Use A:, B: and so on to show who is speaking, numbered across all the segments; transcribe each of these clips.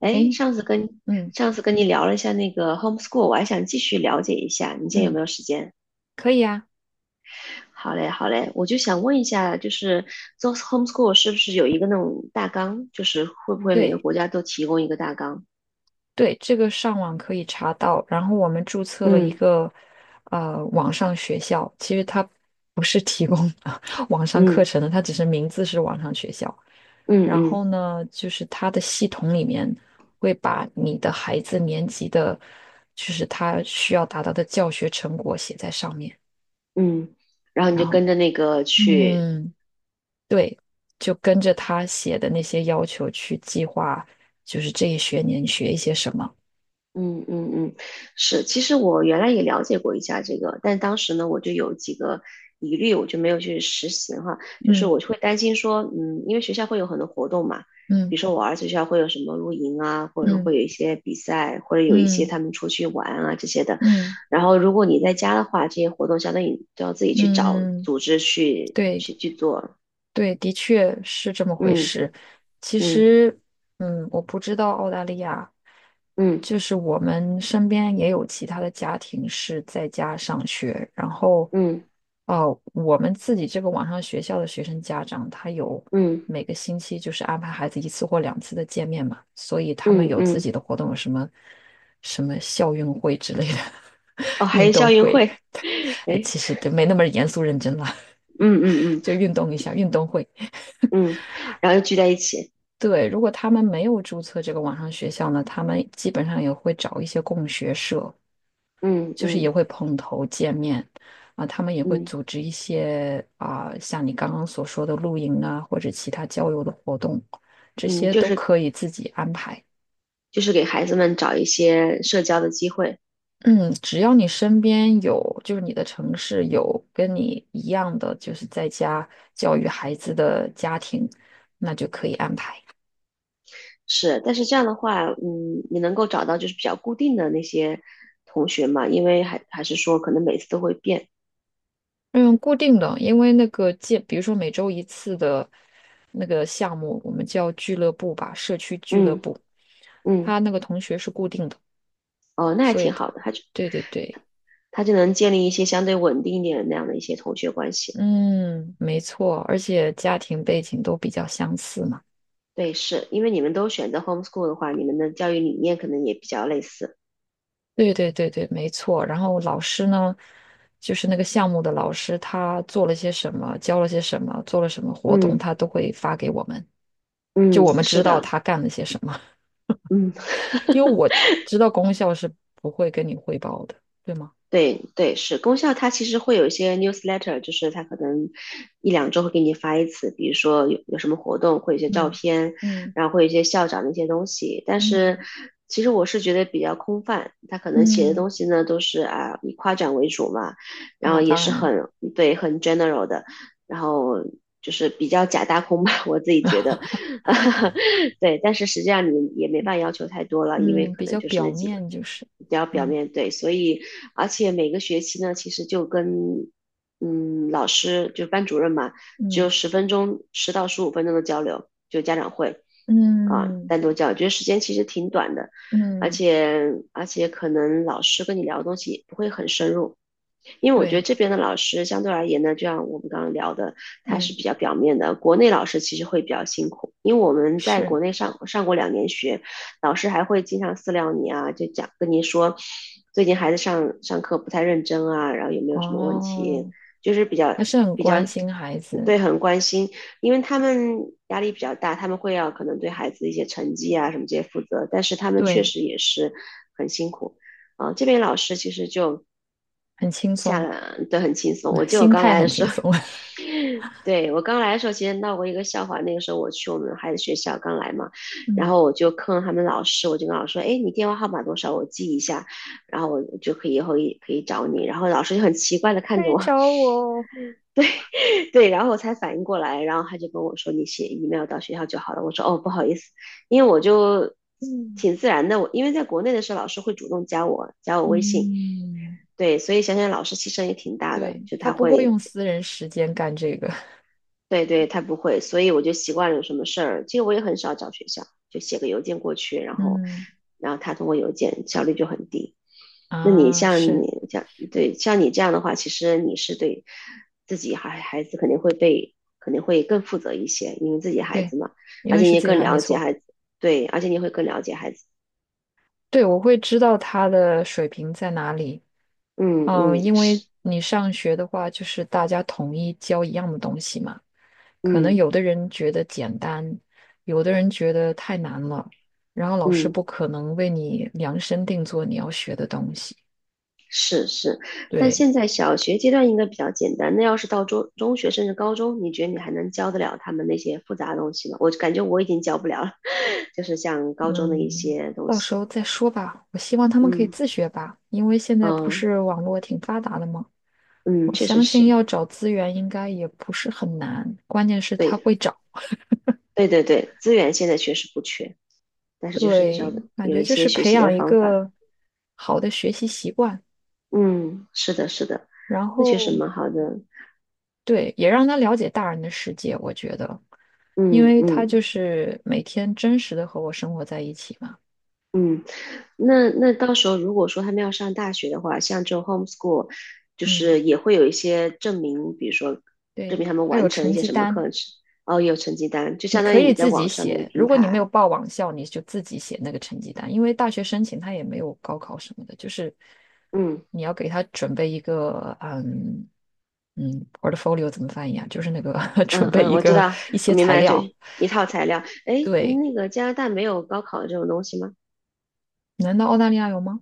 A: 哎，
B: 诶，
A: 上次跟
B: 嗯
A: 上次跟你聊了一下那个 homeschool，我还想继续了解一下，你现在有
B: 嗯，
A: 没有时间？
B: 可以啊。
A: 好嘞，好嘞，我就想问一下，就是做 homeschool 是不是有一个那种大纲？就是会不会每个
B: 对
A: 国家都提供一个大纲？
B: 对，这个上网可以查到。然后我们注册了一
A: 嗯
B: 个网上学校，其实它不是提供 网上课
A: 嗯
B: 程的，它只是名字是网上学校。
A: 嗯
B: 然
A: 嗯
B: 后呢，就是它的系统里面会把你的孩子年级的，就是他需要达到的教学成果写在上面。
A: 嗯。然后你
B: 然
A: 就
B: 后，
A: 跟着那个去。
B: 嗯。对，就跟着他写的那些要求去计划，就是这一学年学一些什么。
A: 嗯嗯嗯，是，其实我原来也了解过一下这个，但当时呢，我就有几个疑虑，我就没有去实行哈。就是
B: 嗯
A: 我就会担心说，嗯，因为学校会有很多活动嘛，
B: 嗯
A: 比如说我儿子学校会有什么露营啊，或者说
B: 嗯
A: 会有一些比赛，或者有一些
B: 嗯
A: 他们出去玩啊这些的。
B: 嗯
A: 然后如果你在家的话，这些活动相当于你都要自己去找
B: 嗯，嗯嗯
A: 组织去
B: 对
A: 去去做。
B: 对，的确是这么回
A: 嗯
B: 事。其
A: 嗯
B: 实，嗯，我不知道澳大利亚，
A: 嗯
B: 就是我们身边也有其他的家庭是在家上学，然后，
A: 嗯
B: 哦、我们自己这个网上学校的学生家长，他有
A: 嗯嗯
B: 每个星期就是安排孩子一次或两次的见面嘛，所以他们
A: 嗯
B: 有自
A: 嗯。
B: 己的活动，有什么什么校运会之类的
A: 哦，还
B: 运
A: 有
B: 动
A: 校运
B: 会，
A: 会。
B: 对。哎，
A: 哎，
B: 其实对，没那么严肃认真了，
A: 嗯嗯 嗯。
B: 就运动一下，运动会。
A: 嗯，然后又聚在一起。
B: 对，如果他们没有注册这个网上学校呢，他们基本上也会找一些共学社，
A: 嗯
B: 就是也
A: 嗯
B: 会碰头见面。啊，他们也会
A: 嗯
B: 组织一些啊，像你刚刚所说的露营啊，或者其他郊游的活动，这
A: 嗯，
B: 些
A: 就
B: 都
A: 是
B: 可以自己安排。
A: 就是给孩子们找一些社交的机会。
B: 嗯，只要你身边有，就是你的城市有跟你一样的，就是在家教育孩子的家庭，那就可以。
A: 是，但是这样的话，嗯，你能够找到就是比较固定的那些同学嘛，因为还是说可能每次都会变，
B: 嗯，固定的，因为那个见，比如说每周一次的那个项目，我们叫俱乐部吧，社区俱乐
A: 嗯
B: 部，他
A: 嗯。
B: 那个同学是固定的，
A: 哦，那还
B: 所以，
A: 挺好的，他就
B: 对对对，
A: 他就能建立一些相对稳定一点的那样的一些同学关系，
B: 嗯，没错，而且家庭背景都比较相似嘛。
A: 对，是因为你们都选择 homeschool 的话，你们的教育理念可能也比较类似，
B: 对对对对，没错。然后老师呢，就是那个项目的老师，他做了些什么，教了些什么，做了什么活动，
A: 嗯
B: 他都会发给我们，就
A: 嗯，
B: 我们
A: 是
B: 知道
A: 的，
B: 他干了些什么。
A: 嗯。
B: 因为我知道功效是不会跟你汇报的，对吗？
A: 对对，是功效，它其实会有一些 newsletter，就是它可能一两周会给你发一次，比如说有什么活动，会有一些照
B: 嗯
A: 片，
B: 嗯
A: 然后会有一些校长的一些东西。但是
B: 嗯
A: 其实我是觉得比较空泛，他可能写的
B: 嗯
A: 东西呢都是啊以夸奖为主嘛，然后
B: 啊，
A: 也
B: 当
A: 是
B: 然，
A: 很对很 general 的，然后就是比较假大空吧，我自己觉得。对，但是实际上你也没办法要求太多了，因为
B: 嗯，
A: 可
B: 比
A: 能
B: 较
A: 就是
B: 表
A: 那几个
B: 面就是，
A: 比较表
B: 嗯，
A: 面对，所以而且每个学期呢，其实就跟老师就班主任嘛，只
B: 嗯
A: 有10分钟，10到15分钟的交流，就家长会啊，
B: 嗯
A: 单独交流觉得时间其实挺短的，而
B: 嗯
A: 且而且可能老师跟你聊的东西也不会很深入，因为我觉得
B: 对，
A: 这边的老师相对而言呢，就像我们刚刚聊的，它
B: 嗯，
A: 是比较表面的。国内老师其实会比较辛苦，因为我们在国
B: 是，
A: 内上过2年学，老师还会经常私聊你啊，就讲跟你说最近孩子上课不太认真啊，然后有没有什么问题，
B: 哦，
A: 就是比较
B: 还是很
A: 比较
B: 关心孩子，
A: 对很关心，因为他们压力比较大，他们会要可能对孩子一些成绩啊什么这些负责，但是他们确
B: 对，
A: 实也是很辛苦啊、这边老师其实就。
B: 很轻
A: 下
B: 松，
A: 来都很轻松。我
B: 嗯
A: 记得我
B: 心
A: 刚
B: 态
A: 来
B: 很
A: 的时
B: 轻
A: 候，
B: 松，
A: 对，我刚来的时候，其实闹过一个笑话。那个时候我去我们孩子学校刚来嘛，然
B: 嗯，
A: 后我就坑他们老师，我就跟老师说："哎，你电话号码多少？我记一下，然后我就可以以后也可以找你。"然后老师就很奇怪的看
B: 可
A: 着
B: 以
A: 我，
B: 找我哦
A: 对，然后我才反应过来，然后他就跟我说："你写 email 到学校就好了。"我说："哦，不好意思，因为我就
B: 嗯
A: 挺自然的，我因为在国内的时候，老师会主动加我微信，
B: 嗯，
A: 对，所以想想老师牺牲也挺大的，
B: 对，
A: 就
B: 他
A: 他
B: 不会
A: 会
B: 用私人时间干这个
A: 对对，他不会，所以我就习惯了有什么事儿，其实我也很少找学校，就写个邮件过去，然 后，
B: 嗯
A: 然后他通过邮件效率就很低。那你
B: 啊，
A: 像
B: 是。
A: 你这样，对，像你这样的话，其实你是对自己孩子肯定会被肯定会更负责一些，因为自己孩
B: 对，
A: 子嘛，
B: 因
A: 而
B: 为
A: 且你
B: 是
A: 也
B: 自己
A: 更
B: 还没
A: 了解
B: 错。
A: 孩子，对，而且你会更了解孩子。
B: 对，我会知道他的水平在哪里。
A: 嗯
B: 嗯，
A: 嗯，
B: 因为
A: 是，
B: 你上学的话，就是大家统一教一样的东西嘛。可能
A: 嗯
B: 有的人觉得简单，有的人觉得太难了，然后老师
A: 嗯。
B: 不可能为你量身定做你要学的东西。
A: 是是，但
B: 对，
A: 现在小学阶段应该比较简单。那要是到中学甚至高中，你觉得你还能教得了他们那些复杂的东西吗？我感觉我已经教不了了，就是像高中的一
B: 嗯，
A: 些东
B: 到时
A: 西。
B: 候再说吧。我希望他们可以自
A: 嗯
B: 学吧，因为现在不
A: 嗯
B: 是网络挺发达的吗？
A: 嗯，
B: 我
A: 确实
B: 相信
A: 是，
B: 要找资源应该也不是很难，关键是他
A: 对
B: 会找。
A: 对对对，资源现在确实不缺，但是就是
B: 对，
A: 要
B: 感
A: 有
B: 觉
A: 一
B: 就
A: 些
B: 是
A: 学
B: 培
A: 习的
B: 养一
A: 方法。
B: 个好的学习习惯，
A: 嗯，是的，是的，
B: 然
A: 那确
B: 后
A: 实蛮好的。
B: 对，也让他了解大人的世界。我觉得，因
A: 嗯
B: 为他就
A: 嗯
B: 是每天真实的和我生活在一起嘛。
A: 嗯。那那到时候如果说他们要上大学的话，像这种 homeschool，就
B: 嗯，
A: 是也会有一些证明，比如说证
B: 对，
A: 明他们
B: 还
A: 完
B: 有
A: 成一
B: 成
A: 些
B: 绩
A: 什么
B: 单。
A: 课程，哦，有成绩单，就
B: 你
A: 相当
B: 可
A: 于你
B: 以
A: 在
B: 自
A: 网
B: 己
A: 上那个
B: 写，
A: 平
B: 如果你没有
A: 台。
B: 报网校，你就自己写那个成绩单，因为大学申请它也没有高考什么的，就是
A: 嗯
B: 你要给他准备一个，嗯嗯，portfolio 怎么翻译啊？就是那个 准
A: 嗯
B: 备
A: 嗯，
B: 一
A: 我知
B: 个
A: 道，
B: 一
A: 我
B: 些
A: 明
B: 材
A: 白，就
B: 料。
A: 一套材料。哎，
B: 对，
A: 那个加拿大没有高考这种东西吗？
B: 难道澳大利亚有吗？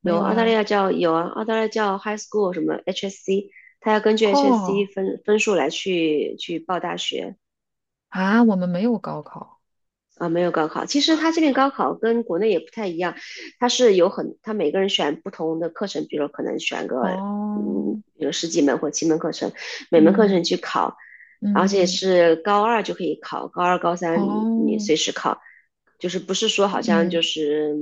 B: 没
A: 有，
B: 有
A: 澳大利
B: 呀。
A: 亚叫有啊，澳大利亚叫 high school 什么 HSC，他要根据 HSC
B: 哦
A: 分数来去报大学。
B: 啊，我们没有高考。
A: 啊，没有高考。其实他这边高考跟国内也不太一样，他是有很，他每个人选不同的课程，比如可能选个，
B: 哦，
A: 嗯，有十几门或7门课程，每门课
B: 嗯
A: 程去考，而且
B: 嗯，嗯
A: 是高二就可以考，高二、高三你
B: 哦
A: 随时考，就是不是说好像就
B: 嗯。
A: 是，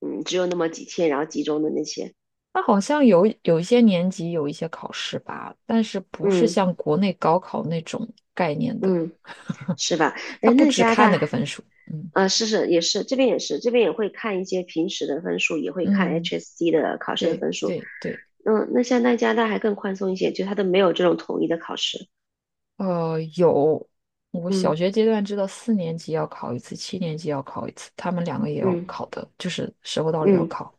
A: 嗯，只有那么几天，然后集中的那些，
B: 他好像有一些年级有一些考试吧，但是不是
A: 嗯
B: 像国内高考那种概念的，
A: 嗯，是吧？
B: 他
A: 哎，
B: 不
A: 那
B: 只
A: 加拿
B: 看那
A: 大。
B: 个分数。嗯
A: 啊，是是也是，这边也是，这边也会看一些平时的分数，也会看
B: 嗯，
A: HSC 的考试的
B: 对
A: 分数，
B: 对对，
A: 嗯，那像在加拿大还更宽松一些，就他都没有这种统一的考试。
B: 有，我
A: 嗯
B: 小学阶段知道4年级要考一次，7年级要考一次，他们两个也要
A: 嗯
B: 考的，就是时候到了也要
A: 嗯
B: 考。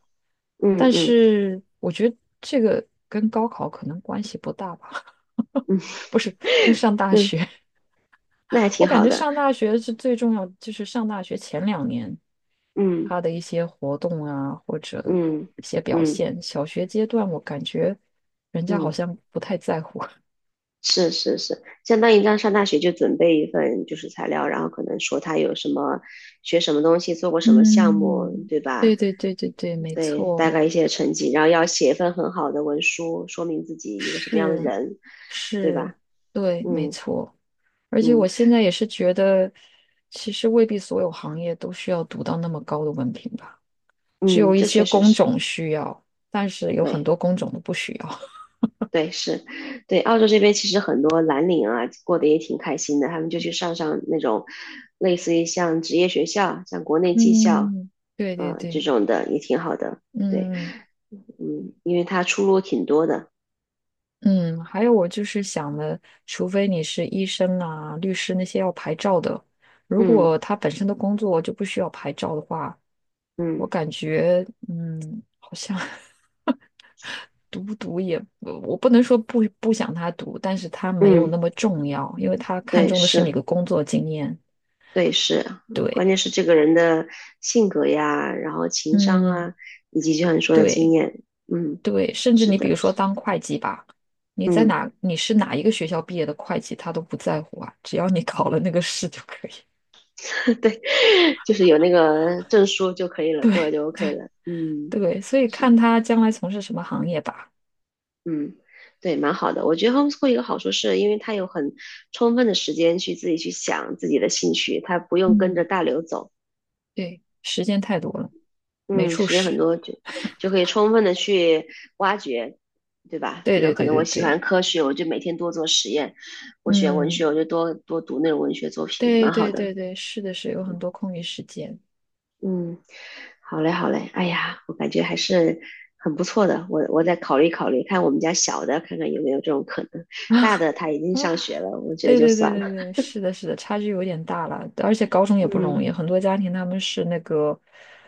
A: 嗯
B: 但
A: 嗯
B: 是我觉得这个跟高考可能关系不大吧，
A: 嗯
B: 不是，跟上大
A: 嗯，
B: 学。
A: 那还
B: 我
A: 挺
B: 感
A: 好
B: 觉
A: 的。
B: 上大学是最重要，就是上大学前2年。
A: 嗯
B: 他的一些活动啊，或者
A: 嗯
B: 一些表
A: 嗯
B: 现。小学阶段，我感觉人家好
A: 嗯，
B: 像不太在乎。
A: 是是是，相当于让上大学就准备一份就是材料，然后可能说他有什么学什么东西，做过什么项目，
B: 嗯，
A: 对
B: 对
A: 吧？
B: 对对对对，没
A: 对，大
B: 错，
A: 概一些成绩，然后要写一份很好的文书，说明自己一个什么样的
B: 是
A: 人，对
B: 是，
A: 吧？
B: 对，没
A: 嗯
B: 错。而且
A: 嗯
B: 我现在也是觉得，其实未必所有行业都需要读到那么高的文凭吧，只
A: 嗯，
B: 有一
A: 这
B: 些
A: 确实
B: 工
A: 是
B: 种需要，但是有很
A: 对。
B: 多工种都不需要。
A: 对，是，对，澳洲这边其实很多蓝领啊，过得也挺开心的，他们就去上那种类似于像职业学校，像国内技校，
B: 嗯，对对
A: 嗯、这
B: 对，
A: 种的也挺好的。对，
B: 嗯。
A: 嗯，因为他出路挺多的。
B: 嗯，还有我就是想的，除非你是医生啊、律师那些要牌照的，如果
A: 嗯
B: 他本身的工作就不需要牌照的话，我
A: 嗯
B: 感觉嗯，好像 读不读也，我不能说不想他读，但是他没有那
A: 嗯，
B: 么重要，因为他看
A: 对，
B: 重的是你
A: 是，
B: 的工作经验。
A: 对是，关键
B: 对，
A: 是这个人的性格呀，然后情商
B: 嗯，
A: 啊，以及就像你说的经
B: 对
A: 验。嗯，
B: 对，甚至
A: 是
B: 你比如
A: 的，
B: 说
A: 是
B: 当会计吧，你在
A: 嗯。
B: 哪你是哪一个学校毕业的会计，他都不在乎啊，只要你 考了那个试就可以。
A: 对，就是有那个证书就可以了，过了
B: 对，
A: 就 OK 了。嗯，
B: 对，所以
A: 是，
B: 看他将来从事什么行业吧。
A: 嗯，对，蛮好的。我觉得 homeschool 一个好处是因为它有很充分的时间去自己去想自己的兴趣，它不用跟
B: 嗯，
A: 着大流走。
B: 对，时间太多了，没
A: 嗯，
B: 处
A: 时间很
B: 使。
A: 多就可以充分的去挖掘，对吧？
B: 对
A: 比如
B: 对
A: 可
B: 对
A: 能我
B: 对
A: 喜
B: 对，
A: 欢科学，我就每天多做实验；我喜欢文学，
B: 嗯，
A: 我就多多读那种文学作品，
B: 对
A: 蛮好
B: 对
A: 的。
B: 对对，是的是，有很多空余时间。
A: 嗯，好嘞，好嘞。哎呀，我感觉还是很不错的。我再考虑考虑，看我们家小的，看看有没有这种可能。大的
B: 啊，
A: 他已经上学了，我觉得
B: 对
A: 就
B: 对对
A: 算了。
B: 对对，是的，是的，差距有点大了，而且高中也不
A: 嗯
B: 容易，很多家庭他们是那个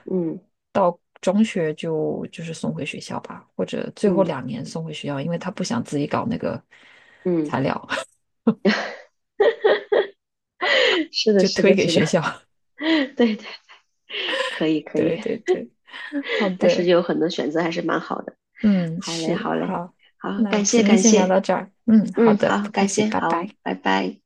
A: 嗯
B: 到中学就是送回学校吧，或者最后
A: 嗯
B: 两年送回学校，因为他不想自己搞那个材
A: 嗯，
B: 料，
A: 是 的，
B: 就
A: 是
B: 推
A: 的，
B: 给
A: 是的，
B: 学校。
A: 对对，可以 可
B: 对
A: 以。
B: 对对，好
A: 但是
B: 的。
A: 有很多选择还是蛮好的。
B: 嗯，
A: 好嘞，
B: 是，
A: 好嘞，
B: 好，
A: 好，
B: 那
A: 感谢
B: 今天
A: 感
B: 先聊
A: 谢。
B: 到这儿。嗯，好
A: 嗯，
B: 的，
A: 好，
B: 不客
A: 感
B: 气，
A: 谢，
B: 拜
A: 好，
B: 拜。
A: 拜拜。